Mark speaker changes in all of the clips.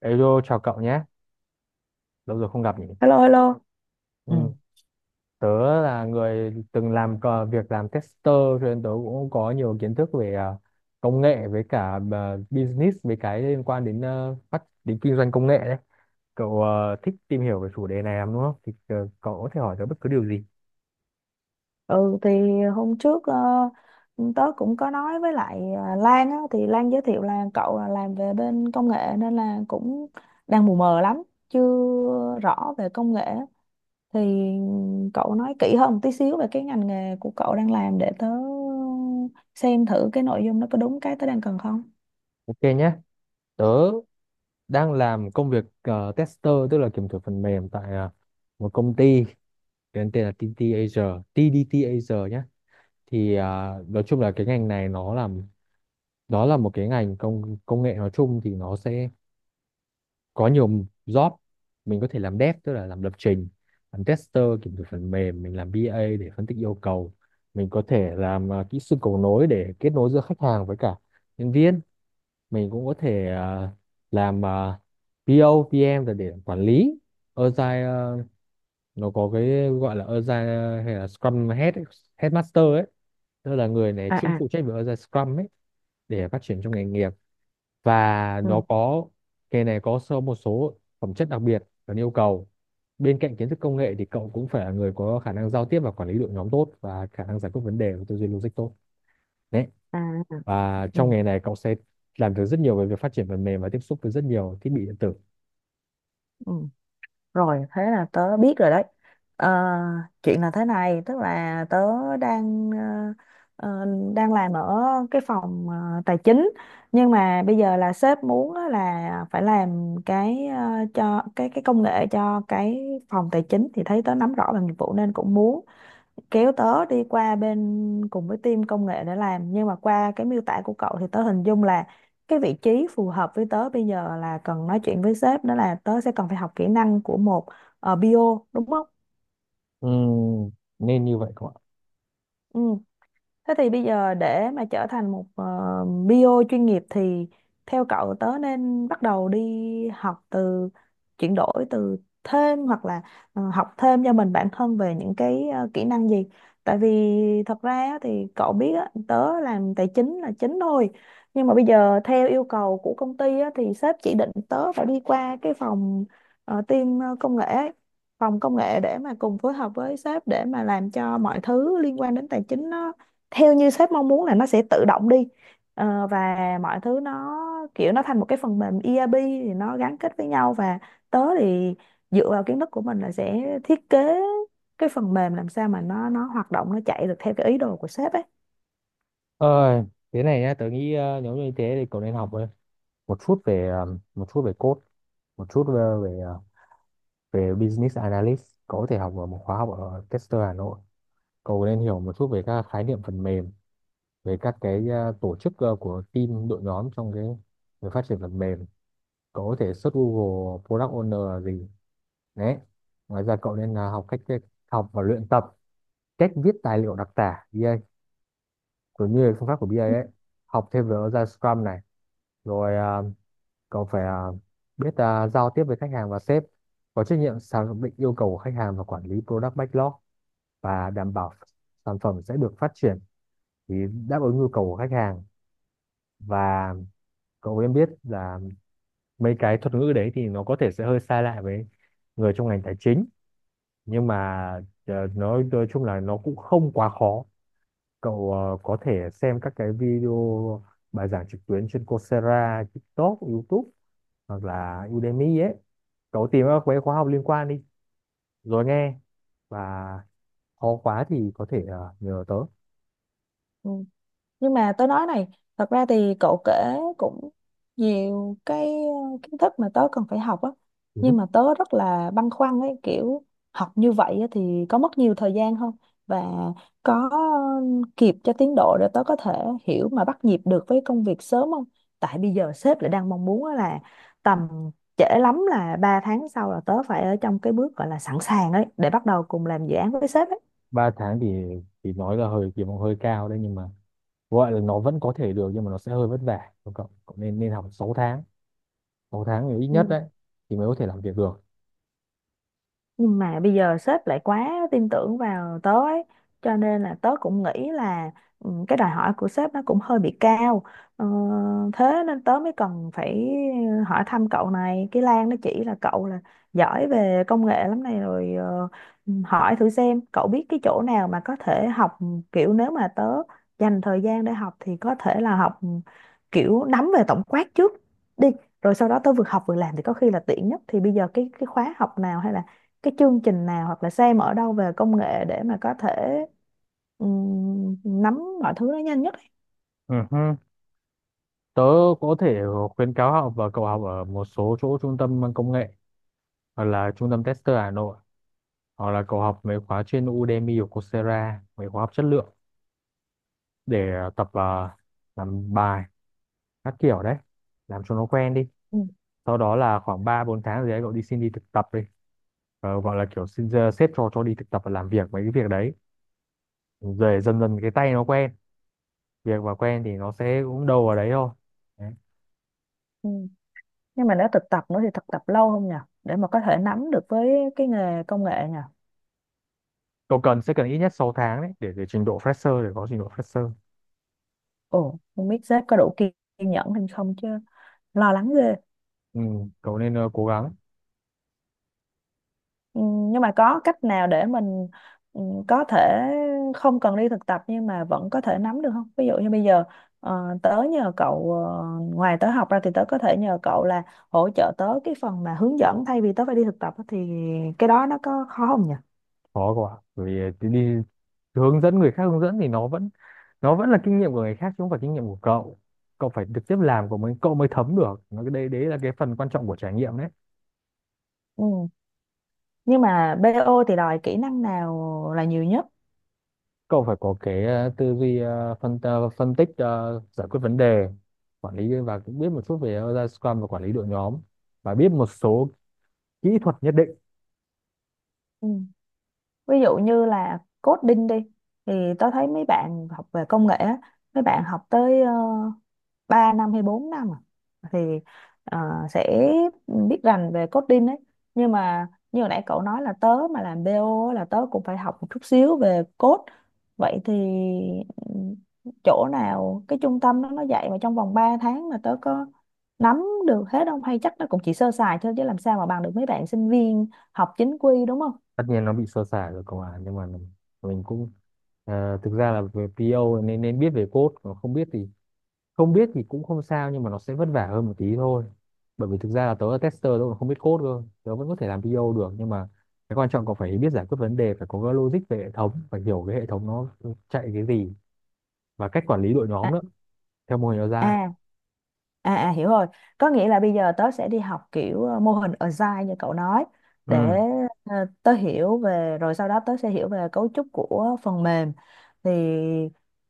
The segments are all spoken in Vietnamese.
Speaker 1: Hello, chào cậu nhé. Lâu rồi không gặp nhỉ.
Speaker 2: Hello, hello. ừ
Speaker 1: Ừ. Tớ là người từng làm việc làm tester, cho nên tớ cũng có nhiều kiến thức về công nghệ, với cả business, với cái liên quan đến ờ, phát đến kinh doanh công nghệ đấy. Cậu thích tìm hiểu về chủ đề này lắm đúng không? Thì cậu có thể hỏi tớ bất cứ điều gì.
Speaker 2: Ừ thì hôm trước tớ cũng có nói với lại Lan á, thì Lan giới thiệu là cậu là làm về bên công nghệ nên là cũng đang mù mờ lắm, chưa rõ về công nghệ. Thì cậu nói kỹ hơn một tí xíu về cái ngành nghề của cậu đang làm để tớ xem thử cái nội dung nó có đúng cái tớ đang cần không?
Speaker 1: Ok nhé. Tớ đang làm công việc tester, tức là kiểm thử phần mềm tại một công ty tên tên là TT Asia, TDT Asia nhé. Thì nói chung là cái ngành này nó là, đó là một cái ngành công công nghệ, nói chung thì nó sẽ có nhiều job. Mình có thể làm dev tức là làm lập trình, làm tester kiểm thử phần mềm, mình làm BA để phân tích yêu cầu, mình có thể làm kỹ sư cầu nối để kết nối giữa khách hàng với cả nhân viên, mình cũng có thể làm PO, PM là để quản lý Agile, nó có cái gọi là Agile hay là Scrum Head ấy, Headmaster ấy, tức là người này
Speaker 2: à
Speaker 1: chuyên
Speaker 2: à
Speaker 1: phụ trách về Agile Scrum ấy để phát triển trong nghề nghiệp. Và nó
Speaker 2: ừ
Speaker 1: có, nghề này có sơ một số phẩm chất đặc biệt cần yêu cầu. Bên cạnh kiến thức công nghệ thì cậu cũng phải là người có khả năng giao tiếp và quản lý đội nhóm tốt, và khả năng giải quyết vấn đề và tư duy logic tốt đấy.
Speaker 2: à à,
Speaker 1: Và
Speaker 2: ừ
Speaker 1: trong nghề này cậu sẽ làm được rất nhiều về việc phát triển phần mềm và tiếp xúc với rất nhiều thiết bị điện tử.
Speaker 2: ừ Rồi, thế là tớ biết rồi đấy. Ờ, Chuyện là thế này, tức là tớ đang ờ, đang làm ở cái phòng tài chính, nhưng mà bây giờ là sếp muốn á là phải làm cái cho cái công nghệ cho cái phòng tài chính thì thấy tớ nắm rõ về nghiệp vụ nên cũng muốn kéo tớ đi qua bên cùng với team công nghệ để làm, nhưng mà qua cái miêu tả của cậu thì tớ hình dung là cái vị trí phù hợp với tớ bây giờ là cần nói chuyện với sếp, đó là tớ sẽ cần phải học kỹ năng của một BO đúng không?
Speaker 1: Ừ, nên như vậy cậu ạ.
Speaker 2: Ừ. Thế thì bây giờ để mà trở thành một bio chuyên nghiệp thì theo cậu tớ nên bắt đầu đi học từ chuyển đổi từ thêm hoặc là học thêm cho mình bản thân về những cái kỹ năng gì? Tại vì thật ra á thì cậu biết á, tớ làm tài chính là chính thôi. Nhưng mà bây giờ theo yêu cầu của công ty á, thì sếp chỉ định tớ phải đi qua cái phòng công nghệ ấy, phòng công nghệ để mà cùng phối hợp với sếp để mà làm cho mọi thứ liên quan đến tài chính theo như sếp mong muốn là nó sẽ tự động đi. Ờ, và mọi thứ nó kiểu nó thành một cái phần mềm ERP thì nó gắn kết với nhau, và tớ thì dựa vào kiến thức của mình là sẽ thiết kế cái phần mềm làm sao mà nó hoạt động, nó chạy được theo cái ý đồ của sếp ấy.
Speaker 1: Ơi, thế này nhá, tớ nghĩ nếu như thế thì cậu nên học thôi. Một chút về một chút về code, một chút về về, ờ, về business analyst. Cậu có thể học ở một khóa học ở Tester Hà Nội. Cậu nên hiểu một chút về các khái niệm phần mềm, về các cái tổ chức của team đội nhóm trong cái việc phát triển phần mềm. Cậu có thể search Google Product Owner là gì đấy. Ngoài ra cậu nên học cách, học và luyện tập cách viết tài liệu đặc tả BA cũng như phương pháp của BA ấy, học thêm về agile Scrum này, rồi cậu phải biết giao tiếp với khách hàng và sếp, có trách nhiệm xác định yêu cầu của khách hàng và quản lý product backlog và đảm bảo sản phẩm sẽ được phát triển thì đáp ứng nhu cầu của khách hàng. Và cậu em biết là mấy cái thuật ngữ đấy thì nó có thể sẽ hơi sai lại với người trong ngành tài chính, nhưng mà nói chung là nó cũng không quá khó. Cậu có thể xem các cái video bài giảng trực tuyến trên Coursera, TikTok, YouTube hoặc là Udemy ấy. Cậu tìm các cái khóa học liên quan đi, rồi nghe, và khó quá thì có thể nhờ tớ.
Speaker 2: Ừ, nhưng mà tớ nói này, thật ra thì cậu kể cũng nhiều cái kiến thức mà tớ cần phải học á,
Speaker 1: Ừ.
Speaker 2: nhưng mà tớ rất là băn khoăn ấy, kiểu học như vậy á, thì có mất nhiều thời gian không, và có kịp cho tiến độ để tớ có thể hiểu mà bắt nhịp được với công việc sớm không, tại bây giờ sếp lại đang mong muốn á là tầm trễ lắm là 3 tháng sau là tớ phải ở trong cái bước gọi là sẵn sàng ấy để bắt đầu cùng làm dự án với sếp
Speaker 1: 3 tháng thì nói là hơi kỳ vọng hơi cao đấy, nhưng mà gọi là nó vẫn có thể được, nhưng mà nó sẽ hơi vất vả của cậu. Cậu nên nên học 6 tháng, 6 tháng thì ít nhất
Speaker 2: ấy.
Speaker 1: đấy, thì mới có thể làm việc được.
Speaker 2: Nhưng mà bây giờ sếp lại quá tin tưởng vào tớ ấy, cho nên là tớ cũng nghĩ là ừ, cái đòi hỏi của sếp nó cũng hơi bị cao. ờ, Thế nên tớ mới cần phải hỏi thăm cậu này, cái Lan nó chỉ là cậu là giỏi về công nghệ lắm này, rồi hỏi thử xem cậu biết cái chỗ nào mà có thể học, kiểu nếu mà tớ dành thời gian để học thì có thể là học kiểu nắm về tổng quát trước đi, rồi sau đó tớ vừa học vừa làm thì có khi là tiện nhất. Thì bây giờ cái khóa học nào hay là cái chương trình nào hoặc là xem ở đâu về công nghệ để mà có thể nắm mọi thứ nó nhanh nhất ấy.
Speaker 1: Ừ hứ. Tớ có thể khuyến cáo học, và cậu học ở một số chỗ trung tâm công nghệ, hoặc là trung tâm tester Hà Nội, hoặc là cậu học mấy khóa trên Udemy hoặc Coursera, mấy khóa học chất lượng để tập làm bài các kiểu đấy, làm cho nó quen đi.
Speaker 2: Ừ.
Speaker 1: Sau đó là khoảng 3 4 tháng gì đấy cậu đi xin đi thực tập đi. Ờ, gọi là kiểu xin sếp cho đi thực tập và làm việc mấy cái việc đấy, rồi dần dần cái tay nó quen việc và quen thì nó sẽ cũng đâu vào đấy thôi đấy.
Speaker 2: Ừ. Nhưng mà nếu thực tập nữa thì thực tập lâu không nhỉ? Để mà có thể nắm được với cái nghề công nghệ nhỉ?
Speaker 1: Cậu cần, sẽ cần ít nhất 6 tháng đấy để trình độ fresher, để có trình độ fresher.
Speaker 2: Ồ, không biết sếp có đủ kiên nhẫn hay không chứ, lo lắng ghê.
Speaker 1: Ừ, cậu nên cố gắng.
Speaker 2: Ừ, nhưng mà có cách nào để mình ừ, có thể không cần đi thực tập nhưng mà vẫn có thể nắm được không? Ví dụ như bây giờ tớ nhờ cậu ngoài tớ học ra thì tớ có thể nhờ cậu là hỗ trợ tớ cái phần mà hướng dẫn thay vì tớ phải đi thực tập á, thì cái đó nó có khó không nhỉ?
Speaker 1: Khó quá. Bởi vì đi hướng dẫn người khác, hướng dẫn thì nó vẫn, nó vẫn là kinh nghiệm của người khác chứ không phải kinh nghiệm của cậu. Cậu phải trực tiếp làm của mình cậu mới thấm được nó, cái đấy đấy là cái phần quan trọng của trải nghiệm đấy.
Speaker 2: Ừ. Nhưng mà BO thì đòi kỹ năng nào là nhiều nhất?
Speaker 1: Cậu phải có cái tư duy phân tích, giải quyết vấn đề, quản lý, và cũng biết một chút về ra Scrum và quản lý đội nhóm, và biết một số kỹ thuật nhất định.
Speaker 2: Ừ. Ví dụ như là coding đi, thì tớ thấy mấy bạn học về công nghệ á, mấy bạn học tới 3 năm hay 4 năm à, thì ờ, sẽ biết rành về coding ấy, nhưng mà như hồi nãy cậu nói là tớ mà làm BO là tớ cũng phải học một chút xíu về code, vậy thì ừ, chỗ nào cái trung tâm đó nó dạy mà trong vòng 3 tháng mà tớ có nắm được hết không, hay chắc nó cũng chỉ sơ sài thôi chứ làm sao mà bằng được mấy bạn sinh viên học chính quy đúng không?
Speaker 1: Tất nhiên nó bị sơ sài rồi cậu à, nhưng mà mình cũng thực ra là về PO nên nên biết về code, còn không biết thì, không biết thì cũng không sao, nhưng mà nó sẽ vất vả hơn một tí thôi. Bởi vì thực ra là tớ là tester, tớ còn không biết code cơ, tớ vẫn có thể làm PO được. Nhưng mà cái quan trọng còn phải biết giải quyết vấn đề, phải có cái logic về hệ thống, phải hiểu cái hệ thống nó chạy cái gì, và cách quản lý đội nhóm
Speaker 2: À,
Speaker 1: nữa, theo mô hình agile.
Speaker 2: à à, à hiểu rồi, có nghĩa là bây giờ tớ sẽ đi học kiểu mô hình Agile như cậu nói
Speaker 1: Ừ,
Speaker 2: để tớ hiểu về, rồi sau đó tớ sẽ hiểu về cấu trúc của phần mềm, thì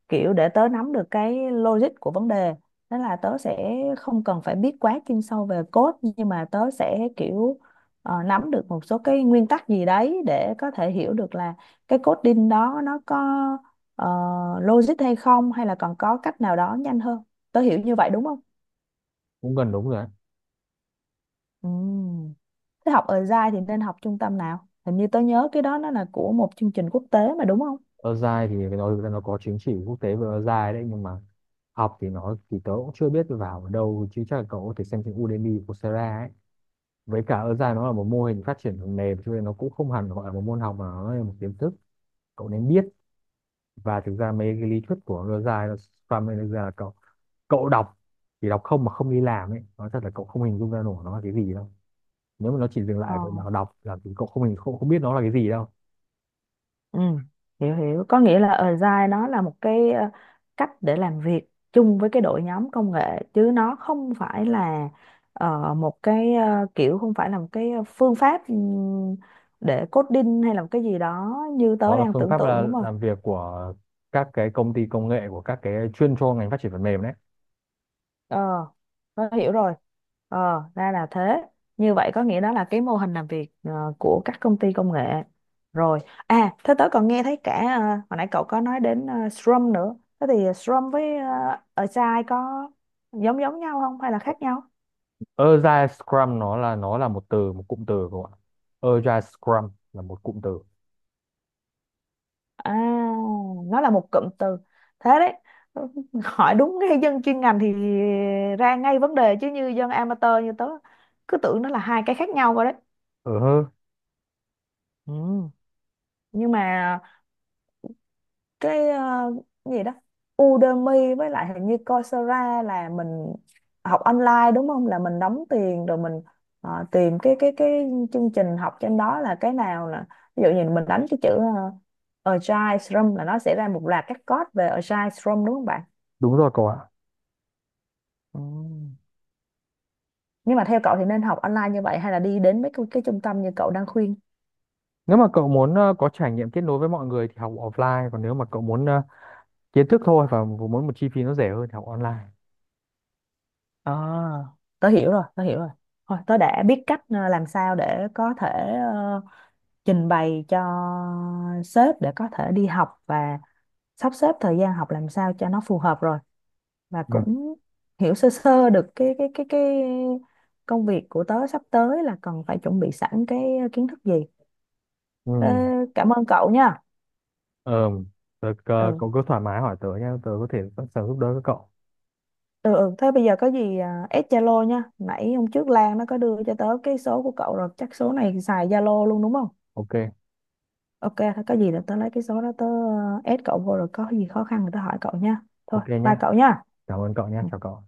Speaker 2: kiểu để tớ nắm được cái logic của vấn đề, nên là tớ sẽ không cần phải biết quá chuyên sâu về code nhưng mà tớ sẽ kiểu nắm được một số cái nguyên tắc gì đấy để có thể hiểu được là cái coding đó nó có ờ, logic hay không, hay là còn có cách nào đó nhanh hơn. Tớ hiểu như vậy đúng không?
Speaker 1: cũng gần đúng rồi đấy.
Speaker 2: Ừm. Thế học ở dai thì nên học trung tâm nào, hình như tớ nhớ cái đó nó là của một chương trình quốc tế mà đúng không?
Speaker 1: Ozai thì phải nói, thực ra nó có chứng chỉ quốc tế về Ozai đấy, nhưng mà học thì nó thì tớ cũng chưa biết vào ở đâu, chứ chắc là cậu có thể xem trên Udemy, Coursera ấy. Với cả Ozai nó là một mô hình phát triển phần mềm, cho nên nó cũng không hẳn gọi là một môn học, mà nó là một kiến thức cậu nên biết. Và thực ra mấy cái lý thuyết của Ozai là Scrum ấy, thực ra là cậu, cậu đọc, chỉ đọc không mà không đi làm ấy, nói thật là cậu không hình dung ra nổi nó là cái gì đâu. Nếu mà nó chỉ dừng
Speaker 2: Ờ,
Speaker 1: lại ở việc nào đọc là thì cậu không hình không, không biết nó là cái gì đâu.
Speaker 2: ừ, hiểu hiểu. Có nghĩa là Agile nó là một cái cách để làm việc chung với cái đội nhóm công nghệ chứ nó không phải là kiểu không phải là một cái phương pháp để coding hay là một cái gì đó như tớ
Speaker 1: Đó là
Speaker 2: đang
Speaker 1: phương
Speaker 2: tưởng
Speaker 1: pháp
Speaker 2: tượng
Speaker 1: là
Speaker 2: đúng không?
Speaker 1: làm việc của các cái công ty công nghệ, của các cái chuyên cho ngành phát triển phần mềm đấy.
Speaker 2: ờ nó hiểu rồi, ờ ra là thế. Như vậy có nghĩa đó là cái mô hình làm việc của các công ty công nghệ rồi. À, thế tớ còn nghe thấy cả hồi nãy cậu có nói đến Scrum nữa, thế thì Scrum với Agile có giống giống nhau không hay là khác nhau?
Speaker 1: Agile Scrum nó là, nó là một từ, một cụm từ cậu ạ. Agile Scrum là một cụm từ.
Speaker 2: À, nó là một cụm từ, thế đấy, hỏi đúng ngay dân chuyên ngành thì ra ngay vấn đề chứ như dân amateur như tớ cứ tưởng nó là hai cái khác nhau rồi đấy.
Speaker 1: Ờ hơ.
Speaker 2: Ừ. Nhưng mà cái gì đó Udemy với lại hình như Coursera là mình học online đúng không, là mình đóng tiền rồi mình tìm cái chương trình học trên đó là cái nào, là ví dụ như mình đánh cái chữ Agile Scrum là nó sẽ ra một loạt các code về Agile Scrum đúng không bạn?
Speaker 1: Đúng rồi cậu ạ.
Speaker 2: Ừ, nhưng mà theo cậu thì nên học online như vậy hay là đi đến mấy cái trung tâm như cậu đang khuyên?
Speaker 1: Nếu mà cậu muốn có trải nghiệm kết nối với mọi người thì học offline, còn nếu mà cậu muốn kiến thức thôi và muốn một chi phí nó rẻ hơn thì học online.
Speaker 2: À. Tớ hiểu rồi, tớ hiểu rồi, thôi tớ đã biết cách làm sao để có thể ờ, trình bày cho sếp để có thể đi học và sắp xếp thời gian học làm sao cho nó phù hợp rồi, và
Speaker 1: Ừ.
Speaker 2: cũng hiểu sơ sơ được cái công việc của tớ sắp tới là cần phải chuẩn bị sẵn cái kiến thức gì.
Speaker 1: Ừ.
Speaker 2: Thế cảm ơn cậu nha.
Speaker 1: Ờ, tớ,
Speaker 2: Ừ.
Speaker 1: cậu cứ thoải mái hỏi tớ nhé, tớ có thể sẵn sàng giúp đỡ các cậu.
Speaker 2: Ừ, ừ. Thế bây giờ có gì à, add Zalo nha. Nãy hôm trước Lan nó có đưa cho tớ cái số của cậu rồi, chắc số này xài Zalo luôn đúng không?
Speaker 1: Ok.
Speaker 2: Ok, thôi có gì là tớ lấy cái số đó tớ add cậu vô rồi có gì khó khăn thì tớ hỏi cậu nha. Thôi,
Speaker 1: Ok
Speaker 2: bye
Speaker 1: nhá,
Speaker 2: cậu nha.
Speaker 1: cảm ơn cậu nhé, chào cậu.